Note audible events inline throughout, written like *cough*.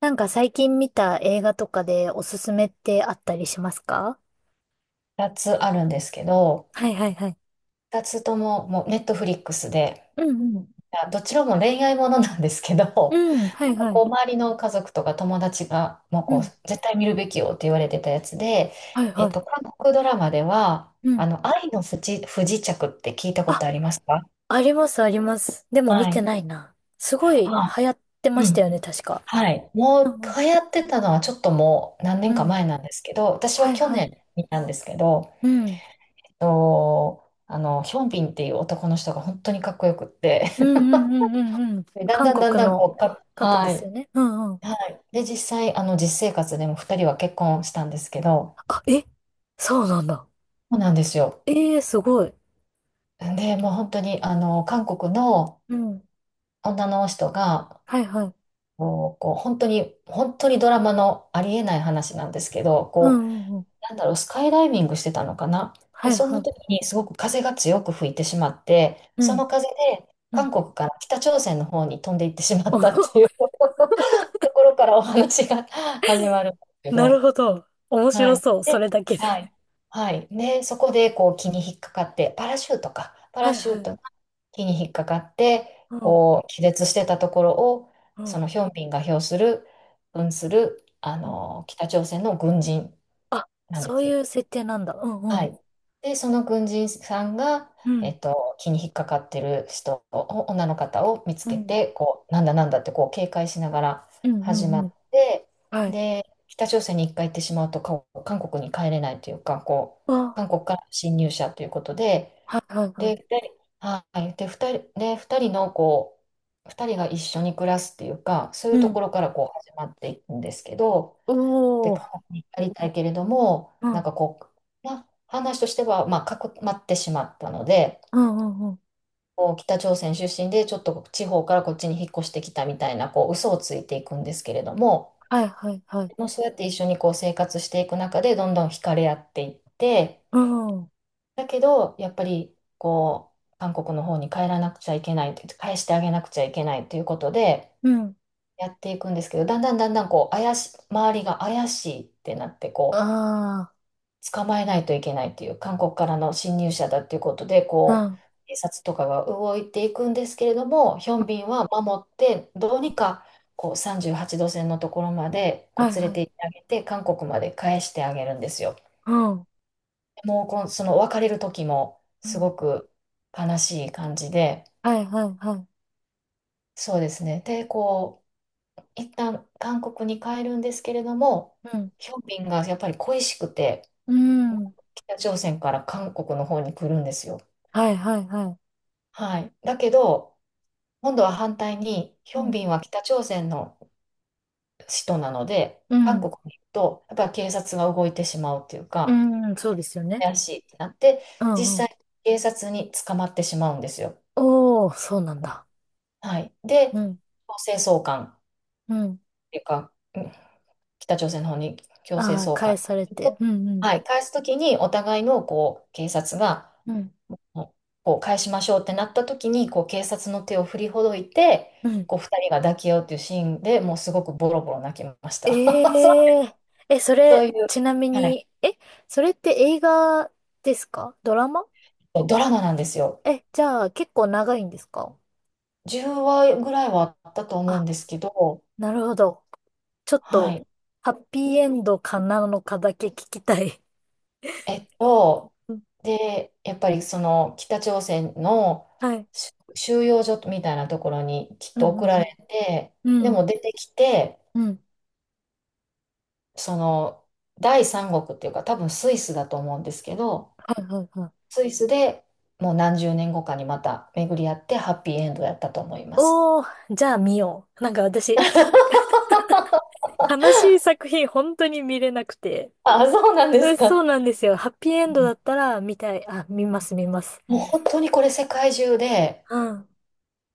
なんか最近見た映画とかでおすすめってあったりしますか？二つあるんですけど、はいはいはい。二つとももうネットフリックスで、うんうん。どちらも恋愛ものなんですけど、*laughs* うん、はないんかはこい。う周りの家族とか友達がもううこうん、絶対見るべきよって言われてたやつで、はいはい。韓国ドラマでは、うん。愛の不時着って聞いたこあ、とありますか？ありますあります。でも見はてい。ないな。すごいあ、流行ってまうしたん。よね、確か。はい。もううんうん。流行ってたのはちょっともう何う年かん。前なんですけど、私ははい去は年い。見たんですけど、うん。ヒョンビンっていう男の人が本当にかっこよくって、うんうんうんうんうん。でだん韓だんだん国だんこのうか、方ではすい。よね。うんうん。はい。で、実際、実生活でも2人は結婚したんですけど、あ、えそうなんだ。そうなんですよ。ええー、すごい。で、もう本当に、韓国のうん。女の人が、はいはい。こう、こう本当に、本当にドラマのありえない話なんですけど、うこう、んうんうん。なんだろう、スカイダイビングしてたのかな。で、はいそはの時い。にすごく風が強く吹いてしまって、うそん。の風で、う韓ん。国から北朝鮮の方に飛んでいってしまったっていう *laughs* *laughs* ところからお話が始まるんですけなるど、ほど。面は白い。そう。そで、れだけで。はい。はい。ね、そこでこう気に引っかかって、パラシュートか。パ *laughs* はラいシュはーい。トが気に引っかかって、うん、こう、気絶してたところを、うそん、のヒョンビンが表する、扮する、うん。北朝鮮の軍人あ、なんでそうす。いう設定なんだ。うん、うはん。い。で、その軍人さんが、うん、気に引っかかってる人を、女の方を見つうけん、て、こう、なんだなんだってこう警戒しながらうん、う始まんうっん。て、はい。で、北朝鮮に一回行ってしまうと、韓国に帰れないというか、こう、あ、韓国から侵入者ということで、はいはいはい。で、二人はい、で、二人、で、二人のこう、二人が一緒に暮らすっていうか、そういううとこん。ろからこう始まっていくんですけど、おで、お。韓国に至りたいけれども、うなんん、かこう、まあ、話としては、まあ、かくまってしまったので、うん、うん、うん。こう北朝鮮出身でちょっと地方からこっちに引っ越してきたみたいなこう嘘をついていくんですけれども、はいはいはい。もうそうやって一緒にこう生活していく中でどんどん惹かれ合っていって、うん、だけどやっぱりこう韓国の方に帰らなくちゃいけないという返してあげなくちゃいけないということでうん。やっていくんですけど、だんだんだんだんこう周りが怪しいってなってこう。ああ、捕まえないといけないっていう、韓国からの侵入者だっていうことで、うん。こうんう、警察とかが動いていくんですけれども、ヒョンビンは守って、どうにかこう38度線のところまでこはうい連れはてい。行ってあげて、韓国まで返してあげるんですよ。うん。もうこの、その別れる時もうすんごく悲しい感じで、はいはいはい。そうですね。で、こう、一旦韓国に帰るんですけれども、うん。ヒョンビンがやっぱり恋しくて、うん。北朝鮮から韓国の方に来るんですよ。はいはいはい。はい。だけど、今度は反対に、ヒうョンん。ビンは北朝鮮の首都なので、う韓ん。国に行くと、やっぱり警察が動いてしまうっていううか、ん。そうですよね。怪しいってなって、うんうん。実際、警察に捕まってしまうんですよ。おー、そうなんだ。はい。うで、ん。強制送還っうん。ていうか、北朝鮮の方に強制ああ、送還。返されて。うんうん。はい。返すときに、お互いのこう警察が、うん。こう返しましょうってなった時にこう警察の手を振りほどいてうん。こう2人が抱き合うっていうシーンでもうすごくボロボロ泣きました。 *laughs* そうえええ、そそうれ、いう、ちなみはい、に、え、それって映画ですかドラマ？ドラマなんですよ。え、じゃあ結構長いんですか？10話ぐらいはあったと思うんあ、ですけど。なるほど。ちょっはと、い。ハッピーエンドかなのかだけ聞きたい。えっとうんでやっぱりその北朝鮮のはい。収容所みたいなところにきっうとんう送られんてうん。うでもん。出てきて、うん。その第三国っていうか多分スイスだと思うんですけど、はいはいはい。スイスでもう何十年後かにまた巡り合ってハッピーエンドやったと思います。おー、じゃあ見よう。なんか私、悲しい作品本当に見れなくて。あ、そうなんでうすんそか。うなんですよ。ハッピーエうンドだんったら見たい。あ、見ます、見ます。もう本当にこれ世界中で、うん。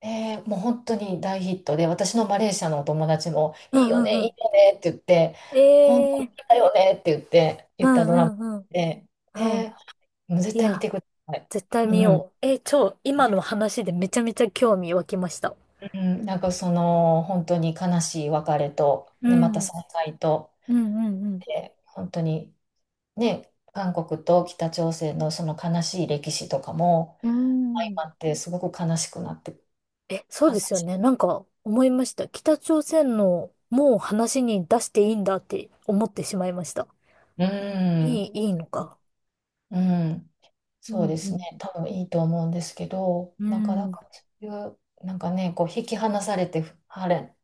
もう本当に大ヒットで、私のマレーシアのお友達も、ういいんようね、んいういん。よねって言って、本当にええだよねって言って、う言ったドラんマうんうで、ん。うん。で、もう絶い対見や、てください。絶対見うん、よう。えー、超、今の話でめちゃめちゃ興味湧きました。うん、なんかその、本当に悲しい別れと、うで、またん。再会と、うんうんで、本当にね、韓国と北朝鮮のその悲しい歴史とかもう相ん。うん。まってすごく悲しくなって、え、そう悲ですよしい。ね。なんか思いました。北朝鮮のもう話に出していいんだって思ってしまいました。うん、いい、いいのか。うん、うそうんでうすね。ん。多分いいと思うんですけど、うなかなん。かそういう、なんかね、こう引き離されて、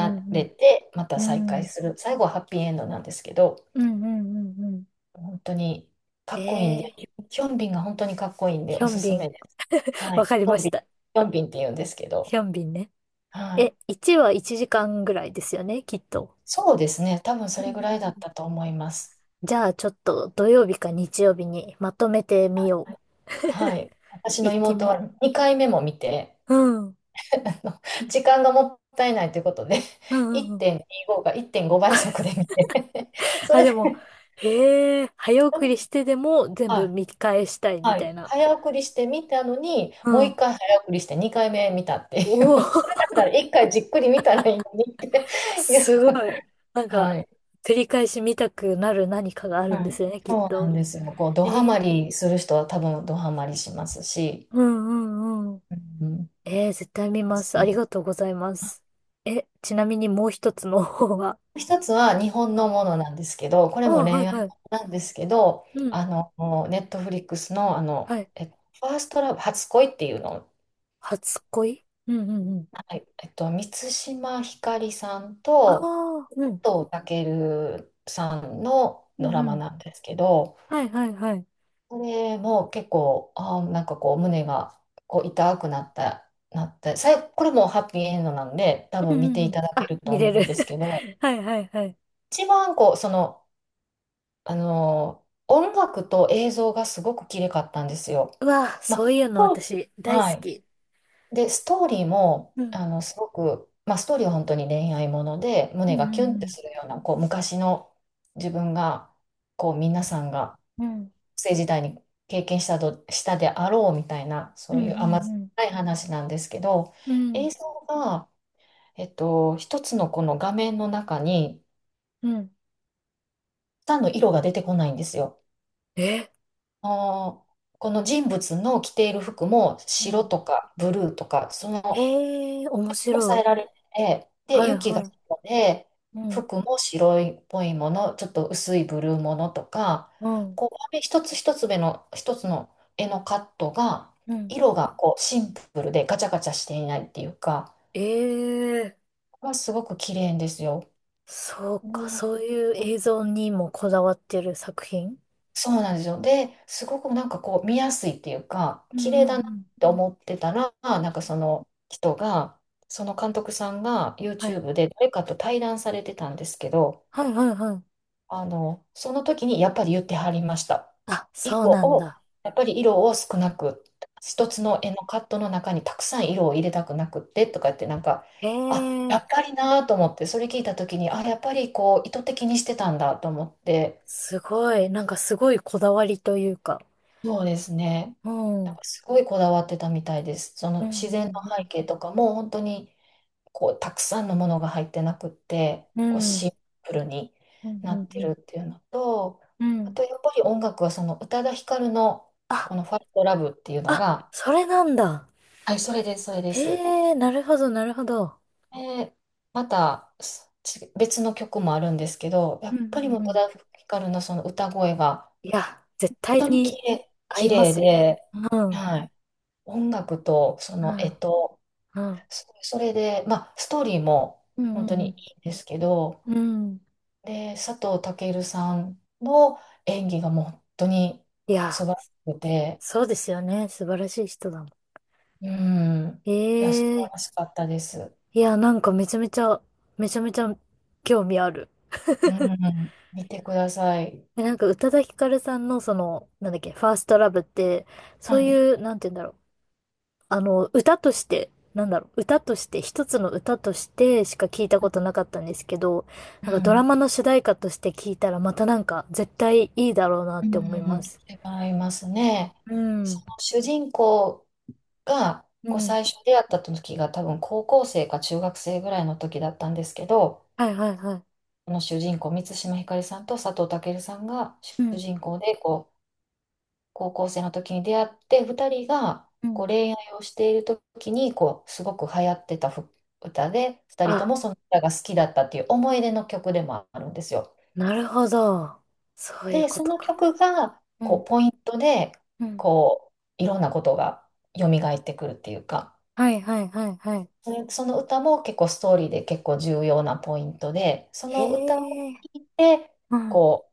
うれんて、まうた再ん。う会ん。する。最後はハッピーエンドなんですけど、うんうんうんうん。本当にかっこいいんえで、えヒョンビンが本当にかっこいいんでヒおョンすすビめン。です。はい。わヒかりョまンしビン、ヒた。ョンビンって言うんですけど、ヒョンビンね。はい。え、1は1時間ぐらいですよね、きっと。そうですね。多分そうんれうんぐらういだっん。たと思います。じゃあちょっと土曜日か日曜日にまとめてみよはい。私う。の一気妹見。は2回目も見て、うん。うん *laughs* あの時間がもったいないということで、う *laughs* んうん。1.25か1.5倍速で見て、*laughs* そあ、れでで、も、へえ、早送りし *laughs* てでも全は部い、見返したいみはたいい、な。早送りして見たのに、うもう1ん。回早送りして2回目見たっていおう。*laughs* お、だから1回じっくり見たらいいのにって *laughs* いう。すごい。なん *laughs* はか、い。繰り返し見たくなる何かがあるんはでい。すよね、きっそうなんと。ですよ。こう、ドえハマーりする人は多分ドハマりしますし、うんうんうん。うん、えー、絶対見ます。ありね、がとうございます。え、ちなみにもう一つの方は？一つは日本 *laughs* うのん。ものなんですけど、これあもはい恋愛はい。なんですけど、うん。ネットフリックスの、はい。ファーストラブ、初恋っていうのを、初恋うんうんうん。はい。満島ひかりさんあと、あ、うん。藤健さんのうドんラうマなん。んですけど、はいはいはい。これも結構、なんかこう、胸がこう痛くなって、これもハッピーエンドなんで、多う分んう見んてういん。ただけあ、ると見れ思る。うんですけど、*laughs* はいはいはい。一番こう、その、音楽と映像がすごく綺麗かったんですよ。うわ、まそあ、ういうのそう、私大は好い。き。で、ストーリーも、うん。すごく、まあ、ストーリーは本当に恋愛もので、う胸んうがキュンってんするような、こう、昔の自分が、こう、皆さんが、うん。うん。学生時代に経験したであろうみたいな、そうんういう甘酸うっんぱい話なんですけど、うん。う映ん。像が、一つのこの画面の中に、うん。たんの色が出てこないんですよ。えあーこの人物の着ている服もう白ん。とかブルーとか、そのええー、面白抑い。えられてて、はで、い雪がは白で、い。うん。服も白いっぽいもの、ちょっと薄いブルーものとか、うん。こう、紙一つ一つ目の、一つの絵のカットが、うん。色がこうシンプルでガチャガチャしていないっていうか、ええー。これはすごく綺麗ですよ。そうか、うんそういう映像にもこだわってる作品？そうなんですよ。で、すごくなんかこう見やすいっていうか、うんう綺麗んうだなっんて思ってたら、うなんかんその人が、その監督さんが はい。YouTube で誰かと対談されてたんですけど、はいはいはい。その時にやっぱり言ってはりました。あ、そう色なんを、だ。やっぱり色を少なく、一つの絵のカットの中にたくさん色を入れたくなくってとかってなんか、ええあ、やーっぱりなと思って、それ聞いた時に、あ、やっぱりこう意図的にしてたんだと思って、すごい。なんかすごいこだわりというか。そうですね。うん。なうんんかすごいこだわってたみたいです。そうの自然の背ん景とかも本当にこうたくさんのものが入ってなくって、うこうん。うん。うシんンプルにうなってんるっていうのと、うん。うあん。とやっぱり音楽はその宇多田ヒカルのあ、この「ファイトラブ」っていうのあ、が、それなんだ。はい、それです、それでへす。え、なるほどなるほど。で、また別の曲もあるんですけど、やうんっぱうりもんうう宇多ん。田ヒカルのその歌声がいや、絶対本当に綺に麗、合綺いま麗すね。で、うん。はい。音楽と、そうの、ん。うん。それで、まあ、ストーリーもう本ん当うにいんいんですけど、うん。うん。で、佐藤健さんの演技がもう本当にい素晴や。らしくて、そうですよね。素晴らしい人だもん。うん、いや、素え晴らえしかったです。いや、なんかめちゃめちゃ、めちゃめちゃ興味ある。うん、見てください。えなんか宇多田ヒカルさんのその、なんだっけ、ファーストラブって、そはうい。いう、なんて言うんだろう。あの、歌として、なんだろう、歌として、一つの歌としてしか聞いたことなかったんですけど、うなんかドラん、マの主題歌として聞いたらまたなんか絶対いいだろうなっうて思いまん、す。違いますね。うそん。の主人公が、うこうん。最初出会った時が多分高校生か中学生ぐらいの時だったんですけど、はいはいはい。この主人公、満島ひかりさんと佐藤健さんがう主ん。人公で、こう、高校生の時に出会って、2人がうこん。う恋愛をしている時に、こう、すごく流行ってた歌で、2人とあ、もその歌が好きだったっていう思い出の曲でもあるんですよ。なるほど。そういうで、こそとのか。曲が、うこう、ん。ポイントで、うん。こう、いろんなことが蘇ってくるっていうか、はいはいはいはい。その歌も結構ストーリーで結構重要なポイントで、その歌をへ聴え。いて、うん。こ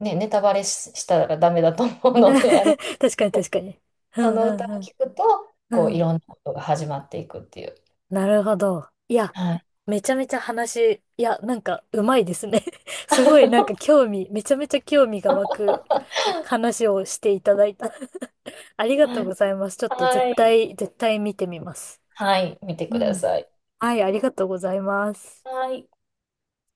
う、ね、ネタバレしたらダメだと思う *laughs* ので、*laughs* あれ確かけにど、確かに。うそんのう歌んを聴くと、うん。こう、ういん。ろんなことが始まっていくっていう。なるほど。いや、はい。めちゃめちゃ話、いや、なんか、うまいですね。*laughs* すごいなんか興味、めちゃめちゃ興味が湧く話をしていただいた。*laughs* ありがとはうごい。ざいます。ちょっと絶はい。対、絶対見てみます。はい見てくうだん。さい。はい、ありがとうございます。はい。